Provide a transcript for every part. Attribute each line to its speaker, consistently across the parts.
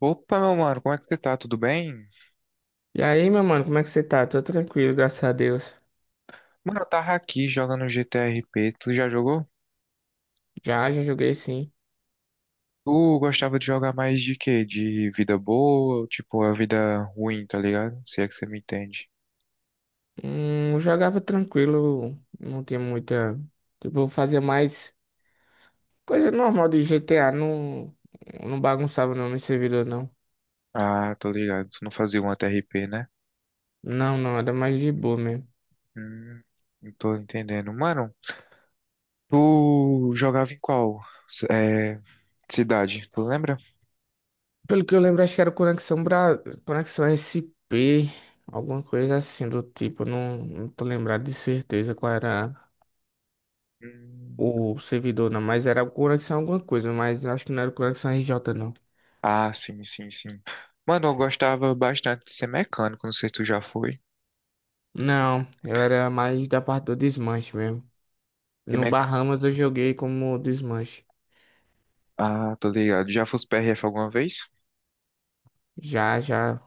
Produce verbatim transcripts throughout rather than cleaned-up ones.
Speaker 1: Opa, meu mano, como é que você tá? Tudo bem?
Speaker 2: E aí, meu mano, como é que você tá? Tô tranquilo, graças a Deus.
Speaker 1: Mano, eu tava aqui jogando G T R P. Tu já jogou?
Speaker 2: Já, já joguei sim.
Speaker 1: Tu gostava de jogar mais de quê? De vida boa ou tipo a vida ruim, tá ligado? Se é que você me entende.
Speaker 2: Hum, eu jogava tranquilo, não tinha muita. Tipo, eu fazia mais coisa normal de G T A, não, não bagunçava não no servidor, não.
Speaker 1: Ah, tô ligado. Tu não fazia um T R P, né?
Speaker 2: Não, não, era mais de boa mesmo.
Speaker 1: Hum, não tô entendendo. Mano, tu jogava em qual c- é, cidade? Tu lembra?
Speaker 2: Pelo que eu lembro, acho que era Conexão Bra... Conexão S P, alguma coisa assim do tipo, não, não tô lembrado de certeza qual era
Speaker 1: Hum,
Speaker 2: o servidor, não, mas era Conexão alguma coisa, mas acho que não era Conexão R J, não.
Speaker 1: ah, sim, sim, sim. Mano, eu gostava bastante de ser mecânico. Não sei se tu já foi.
Speaker 2: Não, eu era mais da parte do desmanche mesmo. No Bahamas eu joguei como desmanche.
Speaker 1: Ah, tô ligado. Já fosse P R F alguma vez?
Speaker 2: Já, já,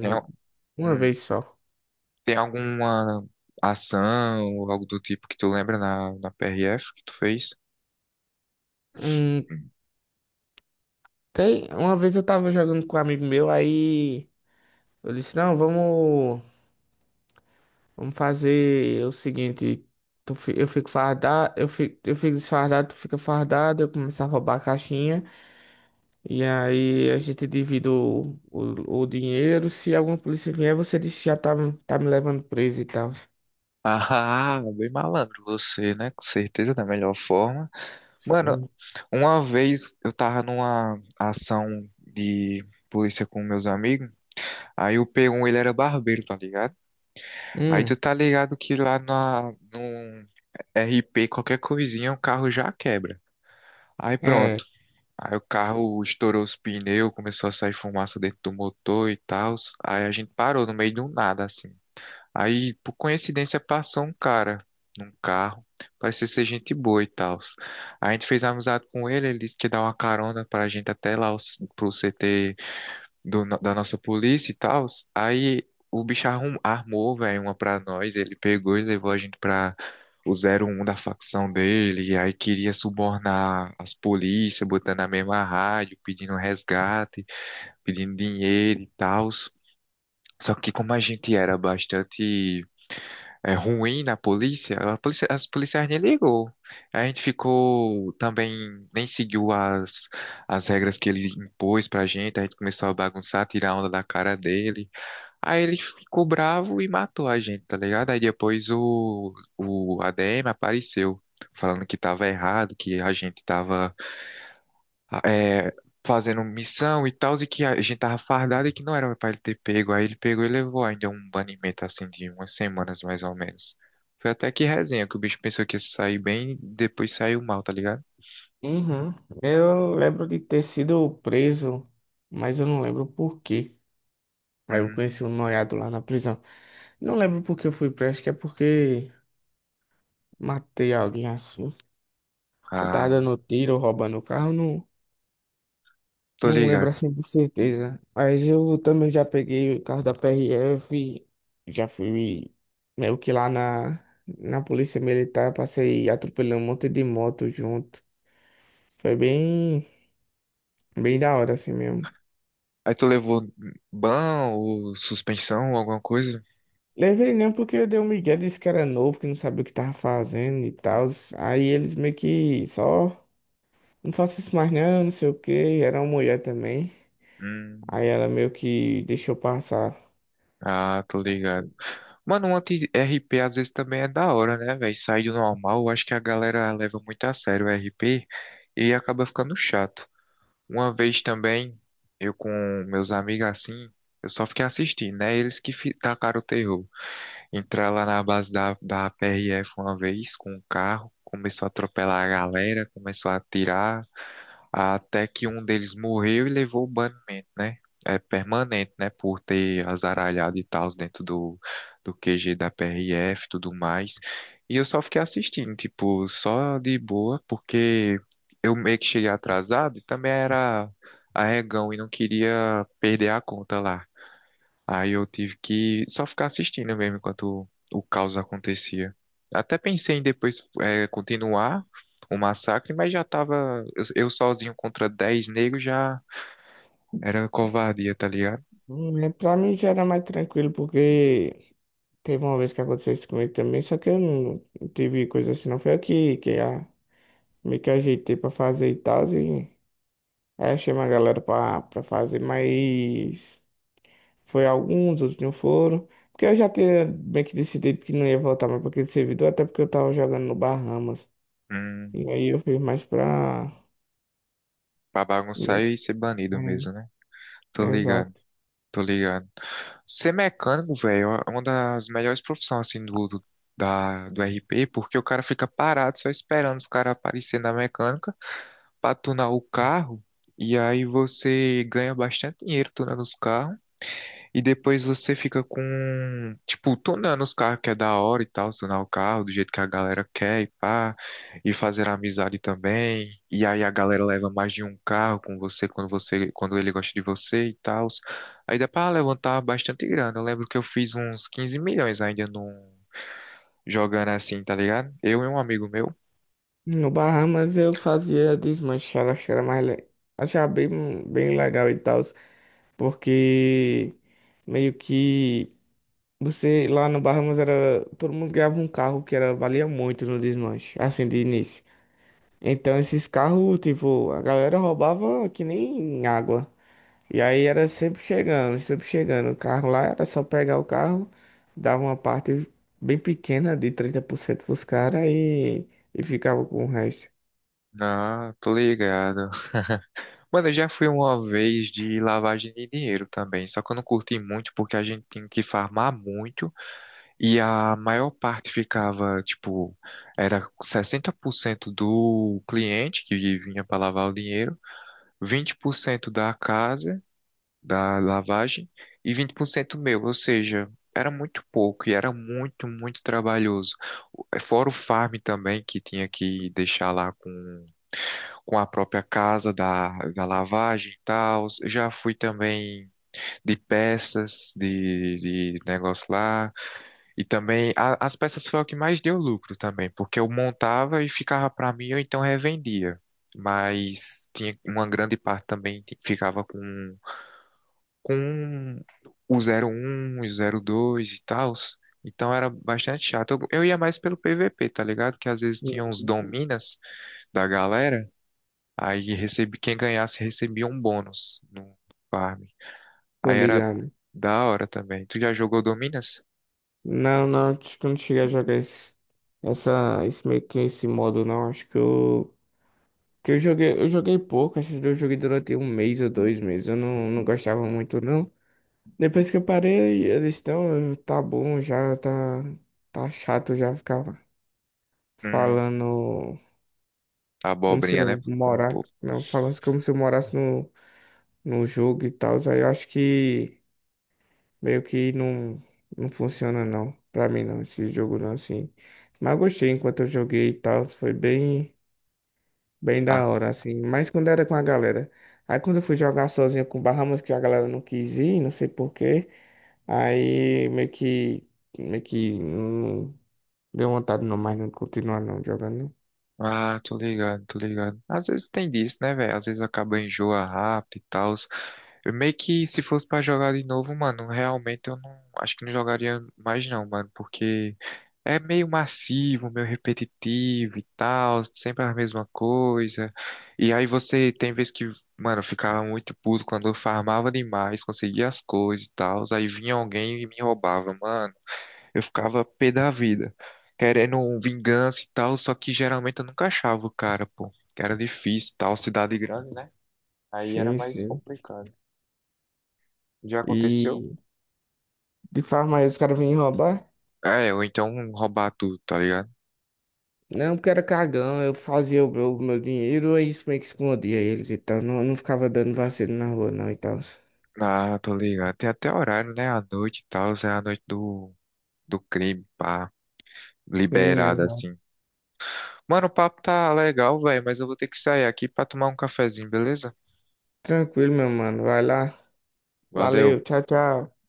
Speaker 1: Tem, al-
Speaker 2: uma
Speaker 1: hum.
Speaker 2: vez só.
Speaker 1: Tem alguma ação ou algo do tipo que tu lembra na, na P R F que tu fez?
Speaker 2: Hum,
Speaker 1: Hum.
Speaker 2: tem, uma vez eu tava jogando com um amigo meu, aí eu disse, não, vamos, vamos fazer o seguinte, tu fi- eu fico fardado, eu fico, eu fico desfardado, tu fica fardado, eu começo a roubar a caixinha, e aí a gente divide o, o, o dinheiro, se alguma polícia vier, você diz que já tá, tá me levando preso e tal.
Speaker 1: Ah, bem malandro você, né? Com certeza, da melhor forma. Mano, uma vez eu tava numa ação de polícia com meus amigos, aí o p um, ele era barbeiro, tá ligado? Aí
Speaker 2: Hum,
Speaker 1: tu tá ligado que lá na, no R P, qualquer coisinha, o carro já quebra. Aí
Speaker 2: é.
Speaker 1: pronto. Aí o carro estourou os pneus, começou a sair fumaça dentro do motor e tal. Aí a gente parou no meio de um nada, assim. Aí, por coincidência, passou um cara num carro. Parecia ser gente boa e tal. A gente fez amizade com ele, ele disse que ia dar uma carona pra gente até lá, o- pro C T do no- da nossa polícia e tal. Aí o bicho arrum- armou, velho, uma pra nós. Ele pegou e levou a gente pra o zero um da facção dele. E aí queria subornar as polícias, botando na mesma rádio, pedindo resgate, pedindo dinheiro e tal. Só que como a gente era bastante é, ruim na polícia, a polícia, as policiais nem ligou. A gente ficou também, nem seguiu as, as regras que ele impôs pra gente, a gente começou a bagunçar, tirar onda da cara dele. Aí ele ficou bravo e matou a gente, tá ligado? Aí depois o, o A D M apareceu, falando que tava errado, que a gente tava é, fazendo missão e tal, e que a gente tava fardado e que não era pra ele ter pego. Aí ele pegou e levou ainda um banimento assim de umas semanas mais ou menos. Foi até que resenha, que o bicho pensou que ia sair bem, depois saiu mal, tá ligado?
Speaker 2: Uhum. Eu lembro de ter sido preso, mas eu não lembro por quê. Aí eu
Speaker 1: Hum,
Speaker 2: conheci um noiado lá na prisão. Não lembro por que eu fui preso, acho que é porque matei alguém assim. Eu tava
Speaker 1: ah,
Speaker 2: dando tiro, roubando o carro, não,
Speaker 1: tô
Speaker 2: não lembro
Speaker 1: ligado.
Speaker 2: assim de certeza. Mas eu também já peguei o carro da P R F, já fui meio que lá na, na polícia militar, passei atropelando um monte de moto junto. Foi bem, bem da hora assim mesmo.
Speaker 1: Aí tu levou ban ou suspensão ou alguma coisa?
Speaker 2: Levei não porque deu um migué, disse que era novo, que não sabia o que tava fazendo e tal. Aí eles meio que só, não faço isso mais não, não sei o quê. Era uma mulher também. Aí
Speaker 1: Hum,
Speaker 2: ela meio que deixou passar.
Speaker 1: ah, tô ligado. Mano, um anti P às vezes também é da hora, né, velho? Sair do normal, eu acho que a galera leva muito a sério o R P e acaba ficando chato. Uma vez também, eu com meus amigos assim, eu só fiquei assistindo, né? Eles que fi- tacaram o terror. Entrar lá na base da, da P R F uma vez com um carro, começou a atropelar a galera, começou a atirar até que um deles morreu e levou o banimento, né? É permanente, né? Por ter azaralhado e tal dentro do, do Q G da P R F e tudo mais. E eu só fiquei assistindo, tipo, só de boa, porque eu meio que cheguei atrasado e também era arregão e não queria perder a conta lá. Aí eu tive que só ficar assistindo mesmo enquanto o caos acontecia. Até pensei em depois eh, continuar o massacre, mas já tava eu, eu sozinho contra dez negros já era covardia, tá ligado?
Speaker 2: Hum, né, pra mim já era mais tranquilo, porque teve uma vez que aconteceu isso comigo também, só que eu não não tive coisa assim, não. Foi aqui que que a, meio que ajeitei pra fazer e tal. E aí achei uma galera pra, pra fazer, mas. Foi alguns, outros não foram. Porque eu já tinha bem que decidido que não ia voltar mais para aquele servidor, até porque eu tava jogando no Bahamas.
Speaker 1: Hum,
Speaker 2: E aí eu fiz mais pra.
Speaker 1: pra bagunçar
Speaker 2: meu-
Speaker 1: e ser banido
Speaker 2: É,
Speaker 1: mesmo, né? Tô ligado,
Speaker 2: exato.
Speaker 1: tô ligado. Ser mecânico, velho, é uma das melhores profissões assim do, do, da, do R P, porque o cara fica parado só esperando os caras aparecerem na mecânica. Pra tunar o carro e aí você ganha bastante dinheiro tunando os carros e depois você fica com, tipo, tunando os carros que é da hora e tal, tunar o carro do jeito que a galera quer e pá, e fazer amizade também. E aí a galera leva mais de um carro com você quando você, quando ele gosta de você e tal. Aí dá pra levantar bastante grana. Eu lembro que eu fiz uns quinze milhões ainda num jogando assim, tá ligado? Eu e um amigo meu.
Speaker 2: No Bahamas eu fazia desmanchar, acho que era mais. le- Achava bem, bem legal e tal, porque meio que você lá no Bahamas era. Todo mundo ganhava um carro que era, valia muito no desmanche, assim, de início. Então esses carros, tipo, a galera roubava que nem água. E aí era sempre chegando, sempre chegando. O carro lá era só pegar o carro, dava uma parte bem pequena de trinta por cento pros caras e, e ficava com o resto.
Speaker 1: Ah, tô ligado. Mano, eu já fui uma vez de lavagem de dinheiro também, só que eu não curti muito porque a gente tinha que farmar muito e a maior parte ficava, tipo, era sessenta por cento do cliente que vinha para lavar o dinheiro, vinte por cento da casa, da lavagem e vinte por cento meu, ou seja, era muito pouco e era muito, muito trabalhoso. Fora o farm também que tinha que deixar lá com com a própria casa da, da lavagem e tal. Já fui também de peças, de, de negócio lá. E também a- as peças foi o que mais deu lucro também, porque eu montava e ficava para mim, ou então revendia. Mas tinha uma grande parte também que ficava com, com o zero um o zero dois e tal. Então era bastante chato. Eu, eu ia mais pelo P V P, tá ligado? Que às vezes tinha uns
Speaker 2: Hum.
Speaker 1: dominas da galera. Aí recebi, quem ganhasse recebia um bônus no farm.
Speaker 2: Tô
Speaker 1: Aí era
Speaker 2: ligado.
Speaker 1: da hora também. Tu já jogou Dominas?
Speaker 2: Não, não, acho que eu não cheguei a jogar esse, essa, esse meio que esse modo não. Acho que eu, que eu joguei, eu joguei pouco, acho que eu joguei durante um mês ou dois meses. Eu não, não gostava muito não. Depois que eu parei, eles estão, tá bom já, tá, tá chato já ficar
Speaker 1: Hum,
Speaker 2: falando como se
Speaker 1: abobrinha, né?
Speaker 2: eu
Speaker 1: Com um
Speaker 2: morar,
Speaker 1: pouco.
Speaker 2: não, falando como se eu morasse no, no jogo e tal. Aí eu acho que meio que não, não funciona não, pra mim não, esse jogo não, assim. Mas eu gostei enquanto eu joguei e tal, foi bem, bem da
Speaker 1: Ah,
Speaker 2: hora, assim. Mas quando era com a galera. Aí quando eu fui jogar sozinho com o Bahamas, que a galera não quis ir, não sei por quê. Aí meio que, meio que não deu vontade não mais não continuar não jogando.
Speaker 1: ah, tô ligado, tô ligado. Às vezes tem disso, né, velho? Às vezes acaba enjoa rápido e tal. Eu meio que se fosse pra jogar de novo, mano, realmente eu não acho que não jogaria mais não, mano, porque é meio massivo, meio repetitivo e tal, sempre a mesma coisa. E aí você tem vezes que, mano, eu ficava muito puto quando eu farmava demais, conseguia as coisas e tal, aí vinha alguém e me roubava, mano. Eu ficava pé da vida, querendo um vingança e tal, só que geralmente eu nunca achava o cara, pô, que era difícil e tal, cidade grande, né? Aí era
Speaker 2: Sim,
Speaker 1: mais
Speaker 2: sim.
Speaker 1: complicado. Já aconteceu?
Speaker 2: E de farmácia, os caras vinham roubar?
Speaker 1: É, ou então roubar tudo, tá ligado?
Speaker 2: Não, porque era cagão, eu fazia o meu, o meu dinheiro, aí isso meio que escondia eles e tal. Não, não ficava dando vacilo na rua, não, e tal.
Speaker 1: Ah, tô ligado. Tem até horário, né? À noite e tal, é a noite do, do crime, pá,
Speaker 2: Sim,
Speaker 1: liberada
Speaker 2: exato.
Speaker 1: assim. Mano, o papo tá legal, velho, mas eu vou ter que sair aqui pra tomar um cafezinho, beleza?
Speaker 2: Tranquilo, meu mano. Vai lá.
Speaker 1: Valeu.
Speaker 2: Valeu, tchau, tchau.